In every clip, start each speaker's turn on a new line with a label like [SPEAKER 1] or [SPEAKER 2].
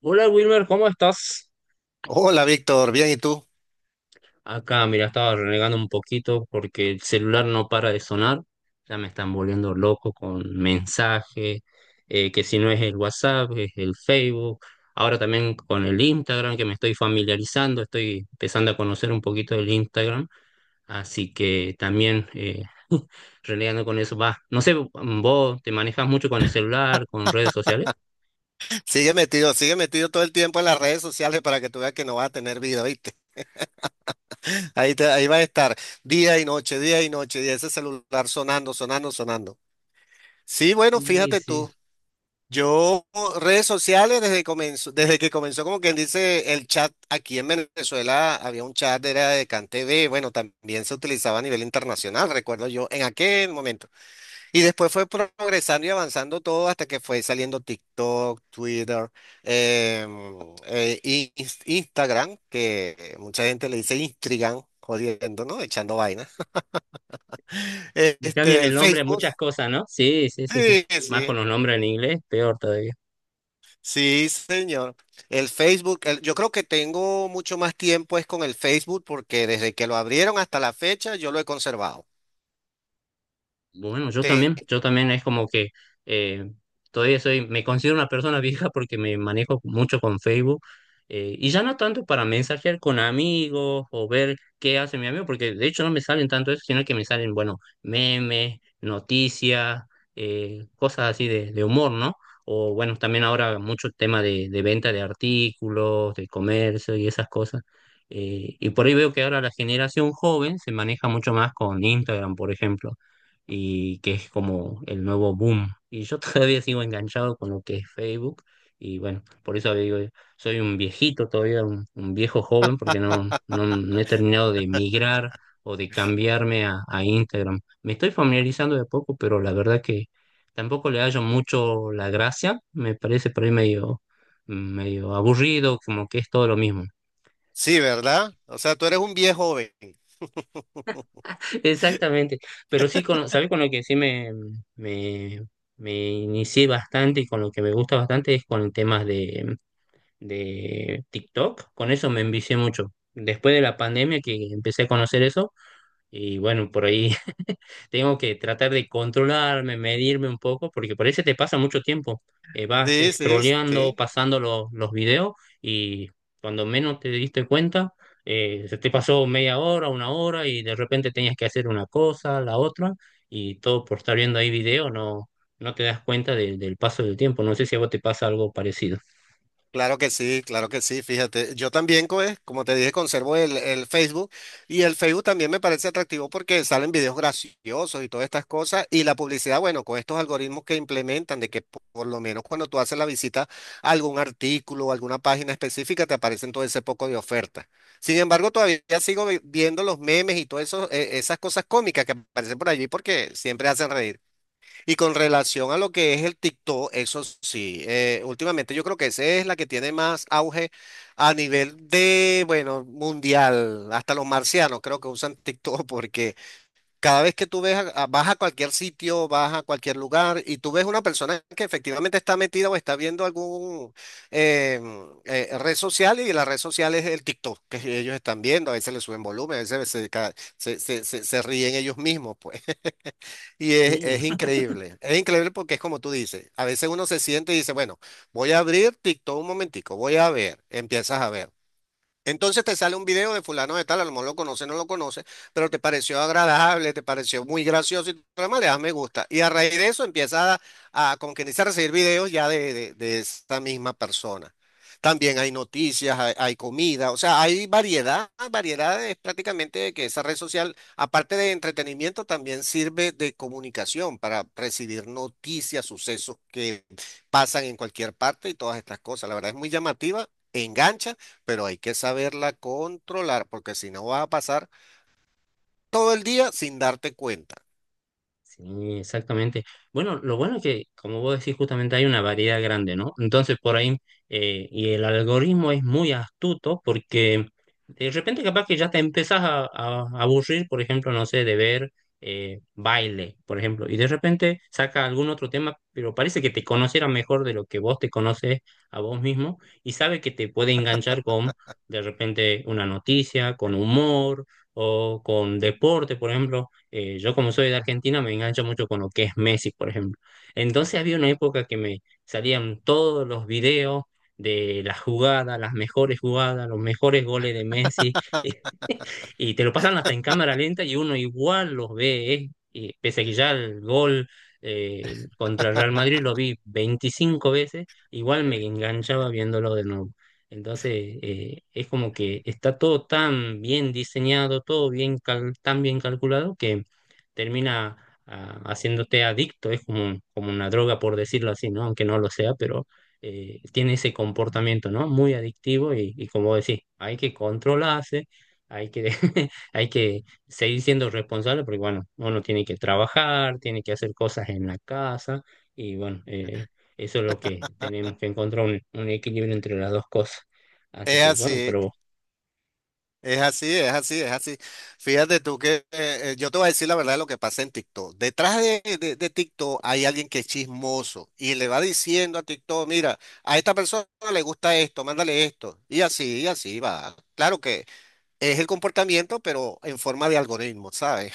[SPEAKER 1] Hola Wilmer, ¿cómo estás?
[SPEAKER 2] Hola Víctor, bien, ¿y tú?
[SPEAKER 1] Acá, mira, estaba renegando un poquito porque el celular no para de sonar. Ya me están volviendo loco con mensajes. Que si no es el WhatsApp, es el Facebook. Ahora también con el Instagram, que me estoy familiarizando, estoy empezando a conocer un poquito del Instagram. Así que también, renegando con eso. Va, no sé, ¿vos te manejas mucho con el celular, con redes sociales?
[SPEAKER 2] Sigue metido todo el tiempo en las redes sociales para que tú veas que no vas a tener vida, ¿viste? Ahí va a estar día y noche, y ese celular sonando, sonando, sonando. Sí, bueno,
[SPEAKER 1] Sí,
[SPEAKER 2] fíjate
[SPEAKER 1] sí.
[SPEAKER 2] tú, yo redes sociales desde que comenzó como quien dice el chat aquí en Venezuela, había un chat, era de CanTV, bueno, también se utilizaba a nivel internacional, recuerdo yo, en aquel momento. Y después fue progresando y avanzando todo hasta que fue saliendo TikTok, Twitter, em, Instagram, que mucha gente le dice Instagram, jodiendo, ¿no? Echando vainas.
[SPEAKER 1] Cambian
[SPEAKER 2] El
[SPEAKER 1] el nombre a
[SPEAKER 2] Facebook.
[SPEAKER 1] muchas cosas, ¿no? Sí, sí, sí, sí.
[SPEAKER 2] Sí,
[SPEAKER 1] Más con
[SPEAKER 2] sí.
[SPEAKER 1] los nombres en inglés, peor todavía.
[SPEAKER 2] Sí, señor. Yo creo que tengo mucho más tiempo es con el Facebook porque desde que lo abrieron hasta la fecha yo lo he conservado.
[SPEAKER 1] Bueno, yo también,
[SPEAKER 2] Te-
[SPEAKER 1] yo también es como que, eh, todavía soy, me considero una persona vieja porque me manejo mucho con Facebook, y ya no tanto para mensajear con amigos o ver qué hace mi amigo, porque de hecho no me salen tanto eso, sino que me salen, bueno, memes, noticias, cosas así de humor, ¿no? O bueno, también ahora mucho tema de venta de artículos, de comercio y esas cosas. Y por ahí veo que ahora la generación joven se maneja mucho más con Instagram, por ejemplo, y que es como el nuevo boom. Y yo todavía sigo enganchado con lo que es Facebook, y bueno, por eso digo, soy un viejito todavía, un viejo joven porque no, no, no he terminado de migrar o de cambiarme a Instagram. Me estoy familiarizando de a poco, pero la verdad que tampoco le hallo mucho la gracia, me parece por ahí medio, medio aburrido, como que es todo lo mismo.
[SPEAKER 2] sí, ¿verdad? O sea, tú eres un viejo joven.
[SPEAKER 1] Exactamente, pero sí, con, ¿sabes con lo que sí me, me inicié bastante y con lo que me gusta bastante es con temas de TikTok? Con eso me envicié mucho. Después de la pandemia que empecé a conocer eso, y bueno, por ahí tengo que tratar de controlarme, medirme un poco, porque por eso te pasa mucho tiempo. Vas
[SPEAKER 2] Sí, sí,
[SPEAKER 1] scrolleando,
[SPEAKER 2] sí.
[SPEAKER 1] pasando los videos y cuando menos te diste cuenta, se te pasó media hora, una hora y de repente tenías que hacer una cosa, la otra, y todo por estar viendo ahí video, no, no te das cuenta del paso del tiempo. No sé si a vos te pasa algo parecido.
[SPEAKER 2] Claro que sí, claro que sí, fíjate, yo también, pues, como te dije, conservo el Facebook y el Facebook también me parece atractivo porque salen videos graciosos y todas estas cosas y la publicidad, bueno, con estos algoritmos que implementan de que por lo menos cuando tú haces la visita a algún artículo o alguna página específica te aparecen todo ese poco de ofertas. Sin embargo, todavía sigo viendo los memes y todas esas cosas cómicas que aparecen por allí porque siempre hacen reír. Y con relación a lo que es el TikTok, eso sí, últimamente yo creo que esa es la que tiene más auge a nivel de, bueno, mundial. Hasta los marcianos creo que usan TikTok porque cada vez que tú ves, vas a cualquier sitio, vas a cualquier lugar y tú ves una persona que efectivamente está metida o está viendo algún eh, red social y la red social es el TikTok que ellos están viendo. A veces le suben volumen, a veces se, ca- se, se, se se ríen ellos mismos, pues.
[SPEAKER 1] Sí.
[SPEAKER 2] Es increíble porque es como tú dices, a veces uno se siente y dice, bueno, voy a abrir TikTok un momentico, voy a ver, empiezas a ver. Entonces te sale un video de fulano de tal, a lo mejor lo conoce, no lo conoce, pero te pareció agradable, te pareció muy gracioso y tú además le das me gusta. Y a raíz de eso empiezas con que inicia a recibir videos ya de esta misma persona. También hay noticias, hay comida, o sea, hay variedad, variedad es prácticamente que esa red social, aparte de entretenimiento, también sirve de comunicación para recibir noticias, sucesos que pasan en cualquier parte y todas estas cosas. La verdad es muy llamativa, engancha pero hay que saberla controlar, porque si no vas a pasar todo el día sin darte cuenta.
[SPEAKER 1] Sí, exactamente. Bueno, lo bueno es que, como vos decís, justamente hay una variedad grande, ¿no? Entonces, por ahí, y el algoritmo es muy astuto porque de repente capaz que ya te empezás a aburrir, por ejemplo, no sé, de ver, baile, por ejemplo, y de repente saca algún otro tema, pero parece que te conociera mejor de lo que vos te conoces a vos mismo y sabe que te puede enganchar con, de repente, una noticia, con humor o con deporte, por ejemplo. Yo como soy de Argentina me engancho mucho con lo que es Messi, por ejemplo. Entonces había una época que me salían todos los videos de las jugadas, las mejores jugadas, los mejores goles de Messi. Y te lo pasan hasta en cámara lenta y uno igual los ve, y pese a que ya el gol, contra el Real Madrid lo vi 25 veces, igual me enganchaba viéndolo de nuevo. Entonces, es como que está todo tan bien diseñado, todo bien tan bien calculado que termina, haciéndote adicto, es como, como una droga, por decirlo así, ¿no? Aunque no lo sea, pero, tiene ese comportamiento, ¿no? Muy adictivo y como decís, hay que controlarse, hay que, hay que seguir siendo responsable porque, bueno, uno tiene que trabajar, tiene que hacer cosas en la casa y, bueno, eso es lo que tenemos que encontrar, un equilibrio entre las dos cosas. Así
[SPEAKER 2] Es
[SPEAKER 1] que, bueno,
[SPEAKER 2] así,
[SPEAKER 1] pero
[SPEAKER 2] es así, es así, es así. Fíjate tú que yo te voy a decir la verdad de lo que pasa en TikTok. Detrás de TikTok hay alguien que es chismoso y le va diciendo a TikTok, mira, a esta persona le gusta esto, mándale esto. Y así va. Claro que es el comportamiento, pero en forma de algoritmo, ¿sabes?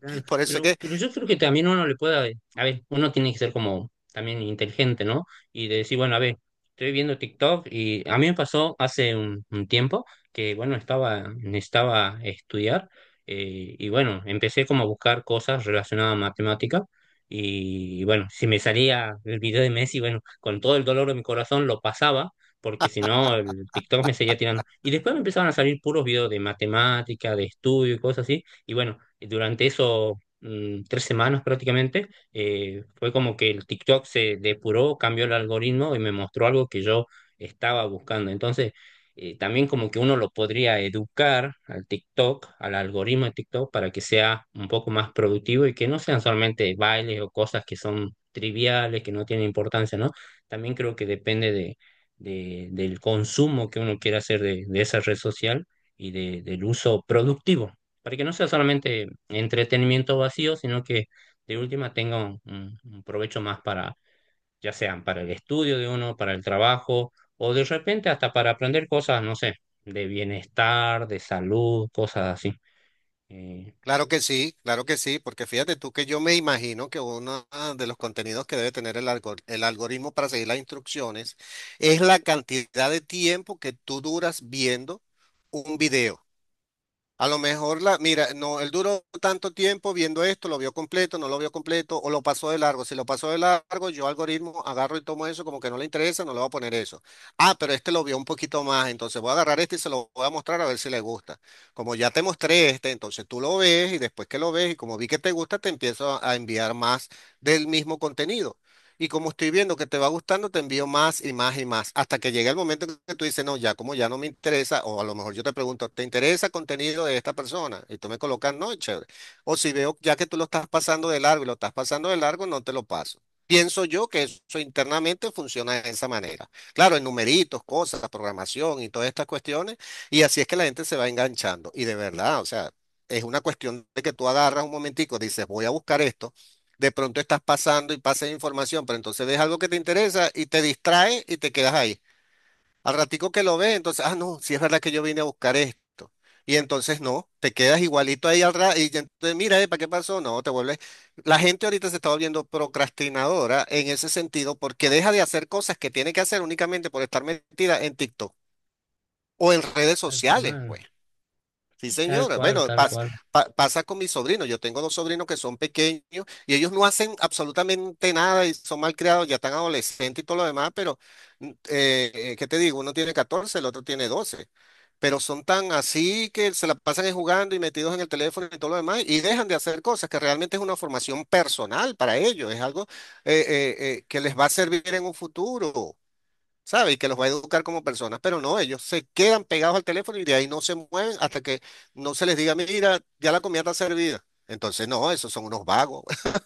[SPEAKER 1] claro,
[SPEAKER 2] Por eso es que
[SPEAKER 1] pero yo creo que también uno le pueda, a ver, uno tiene que ser como también inteligente, ¿no? Y de decir, bueno, a ver, estoy viendo TikTok y a mí me pasó hace un tiempo que, bueno, estaba, necesitaba estudiar, y bueno, empecé como a buscar cosas relacionadas a matemática y, bueno, si me salía el video de Messi, bueno, con todo el dolor de mi corazón lo pasaba. Porque si no, el TikTok me seguía tirando. Y después me empezaron a salir puros videos de matemática, de estudio y cosas así. Y bueno, durante esos, tres semanas prácticamente, fue como que el TikTok se depuró, cambió el algoritmo y me mostró algo que yo estaba buscando. Entonces, también como que uno lo podría educar al TikTok, al algoritmo de TikTok, para que sea un poco más productivo y que no sean solamente bailes o cosas que son triviales, que no tienen importancia, ¿no? También creo que depende de, del consumo que uno quiera hacer de esa red social y del uso productivo para que no sea solamente entretenimiento vacío, sino que de última tenga un, un provecho más para, ya sea para el estudio de uno, para el trabajo, o de repente hasta para aprender cosas, no sé, de bienestar, de salud, cosas así. Eh,
[SPEAKER 2] claro que sí, claro que sí, porque fíjate tú que yo me imagino que uno ah, de los contenidos que debe tener el algoritmo para seguir las instrucciones es la cantidad de tiempo que tú duras viendo un video. A lo mejor la, mira, no, él duró tanto tiempo viendo esto, lo vio completo, no lo vio completo, o lo pasó de largo. Si lo pasó de largo, yo algoritmo agarro y tomo eso, como que no le interesa, no le voy a poner eso. Ah, pero este lo vio un poquito más, entonces voy a agarrar este y se lo voy a mostrar a ver si le gusta. Como ya te mostré este, entonces tú lo ves y después que lo ves y como vi que te gusta, te empiezo a enviar más del mismo contenido. Y como estoy viendo que te va gustando, te envío más y más y más, hasta que llegue el momento en que tú dices, no, ya como ya no me interesa, o a lo mejor yo te pregunto, ¿te interesa contenido de esta persona? Y tú me colocas, no, chévere. O si veo ya que tú lo estás pasando de largo y lo estás pasando de largo, no te lo paso. Pienso yo que eso internamente funciona de esa manera. Claro, en numeritos, cosas, programación y todas estas cuestiones, y así es que la gente se va enganchando. Y de verdad, o sea, es una cuestión de que tú agarras un momentico, dices, voy a buscar esto de pronto estás pasando y pasas información, pero entonces ves algo que te interesa y te distrae y te quedas ahí. Al ratico que lo ves, entonces, ah, no, sí es verdad que yo vine a buscar esto. Y entonces no, te quedas igualito ahí al rato y ya entonces mira, ¿para qué pasó? No, te vuelves. La gente ahorita se está volviendo procrastinadora en ese sentido porque deja de hacer cosas que tiene que hacer únicamente por estar metida en TikTok o en redes
[SPEAKER 1] Tal
[SPEAKER 2] sociales, pues.
[SPEAKER 1] cual,
[SPEAKER 2] Sí,
[SPEAKER 1] tal
[SPEAKER 2] señora.
[SPEAKER 1] cual,
[SPEAKER 2] Bueno,
[SPEAKER 1] tal cual.
[SPEAKER 2] pasa con mis sobrinos. Yo tengo dos sobrinos que son pequeños y ellos no hacen absolutamente nada y son mal criados, ya están adolescentes y todo lo demás, pero ¿qué te digo? Uno tiene 14, el otro tiene 12, pero son tan así que se la pasan es jugando y metidos en el teléfono y todo lo demás y dejan de hacer cosas que realmente es una formación personal para ellos, es algo que les va a servir en un futuro. ¿Sabe? Y que los va a educar como personas, pero no, ellos se quedan pegados al teléfono y de ahí no se mueven hasta que no se les diga, mira, ya la comida está servida. Entonces, no, esos son unos vagos.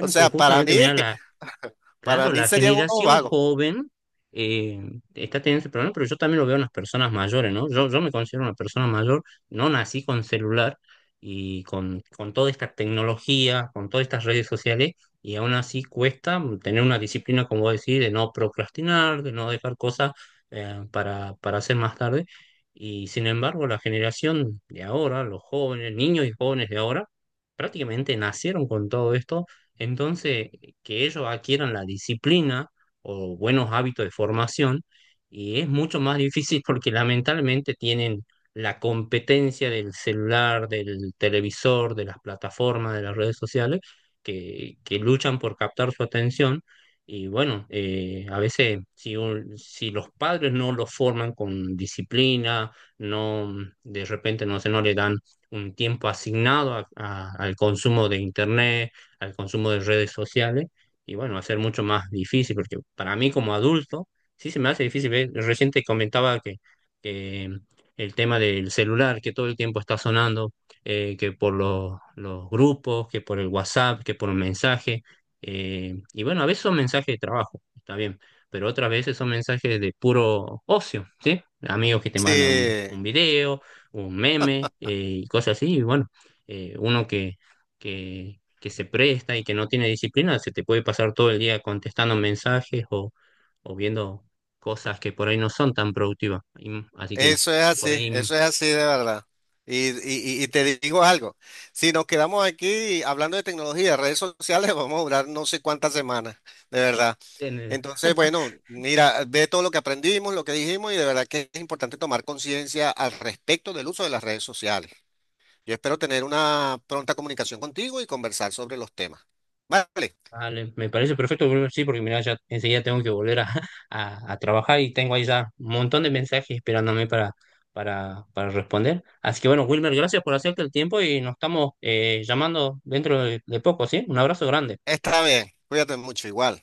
[SPEAKER 2] O
[SPEAKER 1] pero
[SPEAKER 2] sea, para
[SPEAKER 1] justamente
[SPEAKER 2] mí,
[SPEAKER 1] mira,
[SPEAKER 2] para
[SPEAKER 1] claro,
[SPEAKER 2] mí
[SPEAKER 1] la
[SPEAKER 2] serían unos
[SPEAKER 1] generación
[SPEAKER 2] vagos.
[SPEAKER 1] joven, eh, está teniendo ese problema, pero yo también lo veo en las personas mayores, ¿no? Yo me considero una persona mayor, no nací con celular y con toda esta tecnología, con todas estas redes sociales, y aún así cuesta tener una disciplina, como decir, de no procrastinar, de no dejar cosas, para hacer más tarde. Y sin embargo, la generación de ahora, los jóvenes, niños y jóvenes de ahora, prácticamente nacieron con todo esto. Entonces, que ellos adquieran la disciplina o buenos hábitos de formación, y es mucho más difícil porque lamentablemente tienen la competencia del celular, del televisor, de las plataformas, de las redes sociales, que luchan por captar su atención. Y bueno, a veces si, si los padres no los forman con disciplina, no, de repente no sé, no le dan un tiempo asignado al consumo de internet, al consumo de redes sociales, y bueno, va a ser mucho más difícil, porque para mí como adulto sí se me hace difícil ver, recién te comentaba que, el tema del celular, que todo el tiempo está sonando, que por los grupos, que por el WhatsApp, que por un mensaje, y bueno, a veces son mensajes de trabajo, está bien, pero otras veces son mensajes de puro ocio, ¿sí? Amigos que te mandan
[SPEAKER 2] Sí,
[SPEAKER 1] un video, un meme, y cosas así, y bueno, uno que se presta y que no tiene disciplina, se te puede pasar todo el día contestando mensajes o viendo cosas que por ahí no son tan productivas. Así que por ahí
[SPEAKER 2] eso es así de verdad. Y te digo algo, si nos quedamos aquí hablando de tecnología, redes sociales, vamos a durar no sé cuántas semanas, de verdad.
[SPEAKER 1] ten-
[SPEAKER 2] Entonces, bueno, mira, ve todo lo que aprendimos, lo que dijimos y de verdad que es importante tomar conciencia al respecto del uso de las redes sociales. Yo espero tener una pronta comunicación contigo y conversar sobre los temas. Vale,
[SPEAKER 1] vale, me parece perfecto, Bruno, sí, porque mira, ya enseguida tengo que volver a, a trabajar y tengo ahí ya un montón de mensajes esperándome para responder. Así que bueno, Wilmer, gracias por hacerte el tiempo y nos estamos, llamando dentro de poco, ¿sí? Un abrazo grande.
[SPEAKER 2] está bien. Cuídate mucho igual.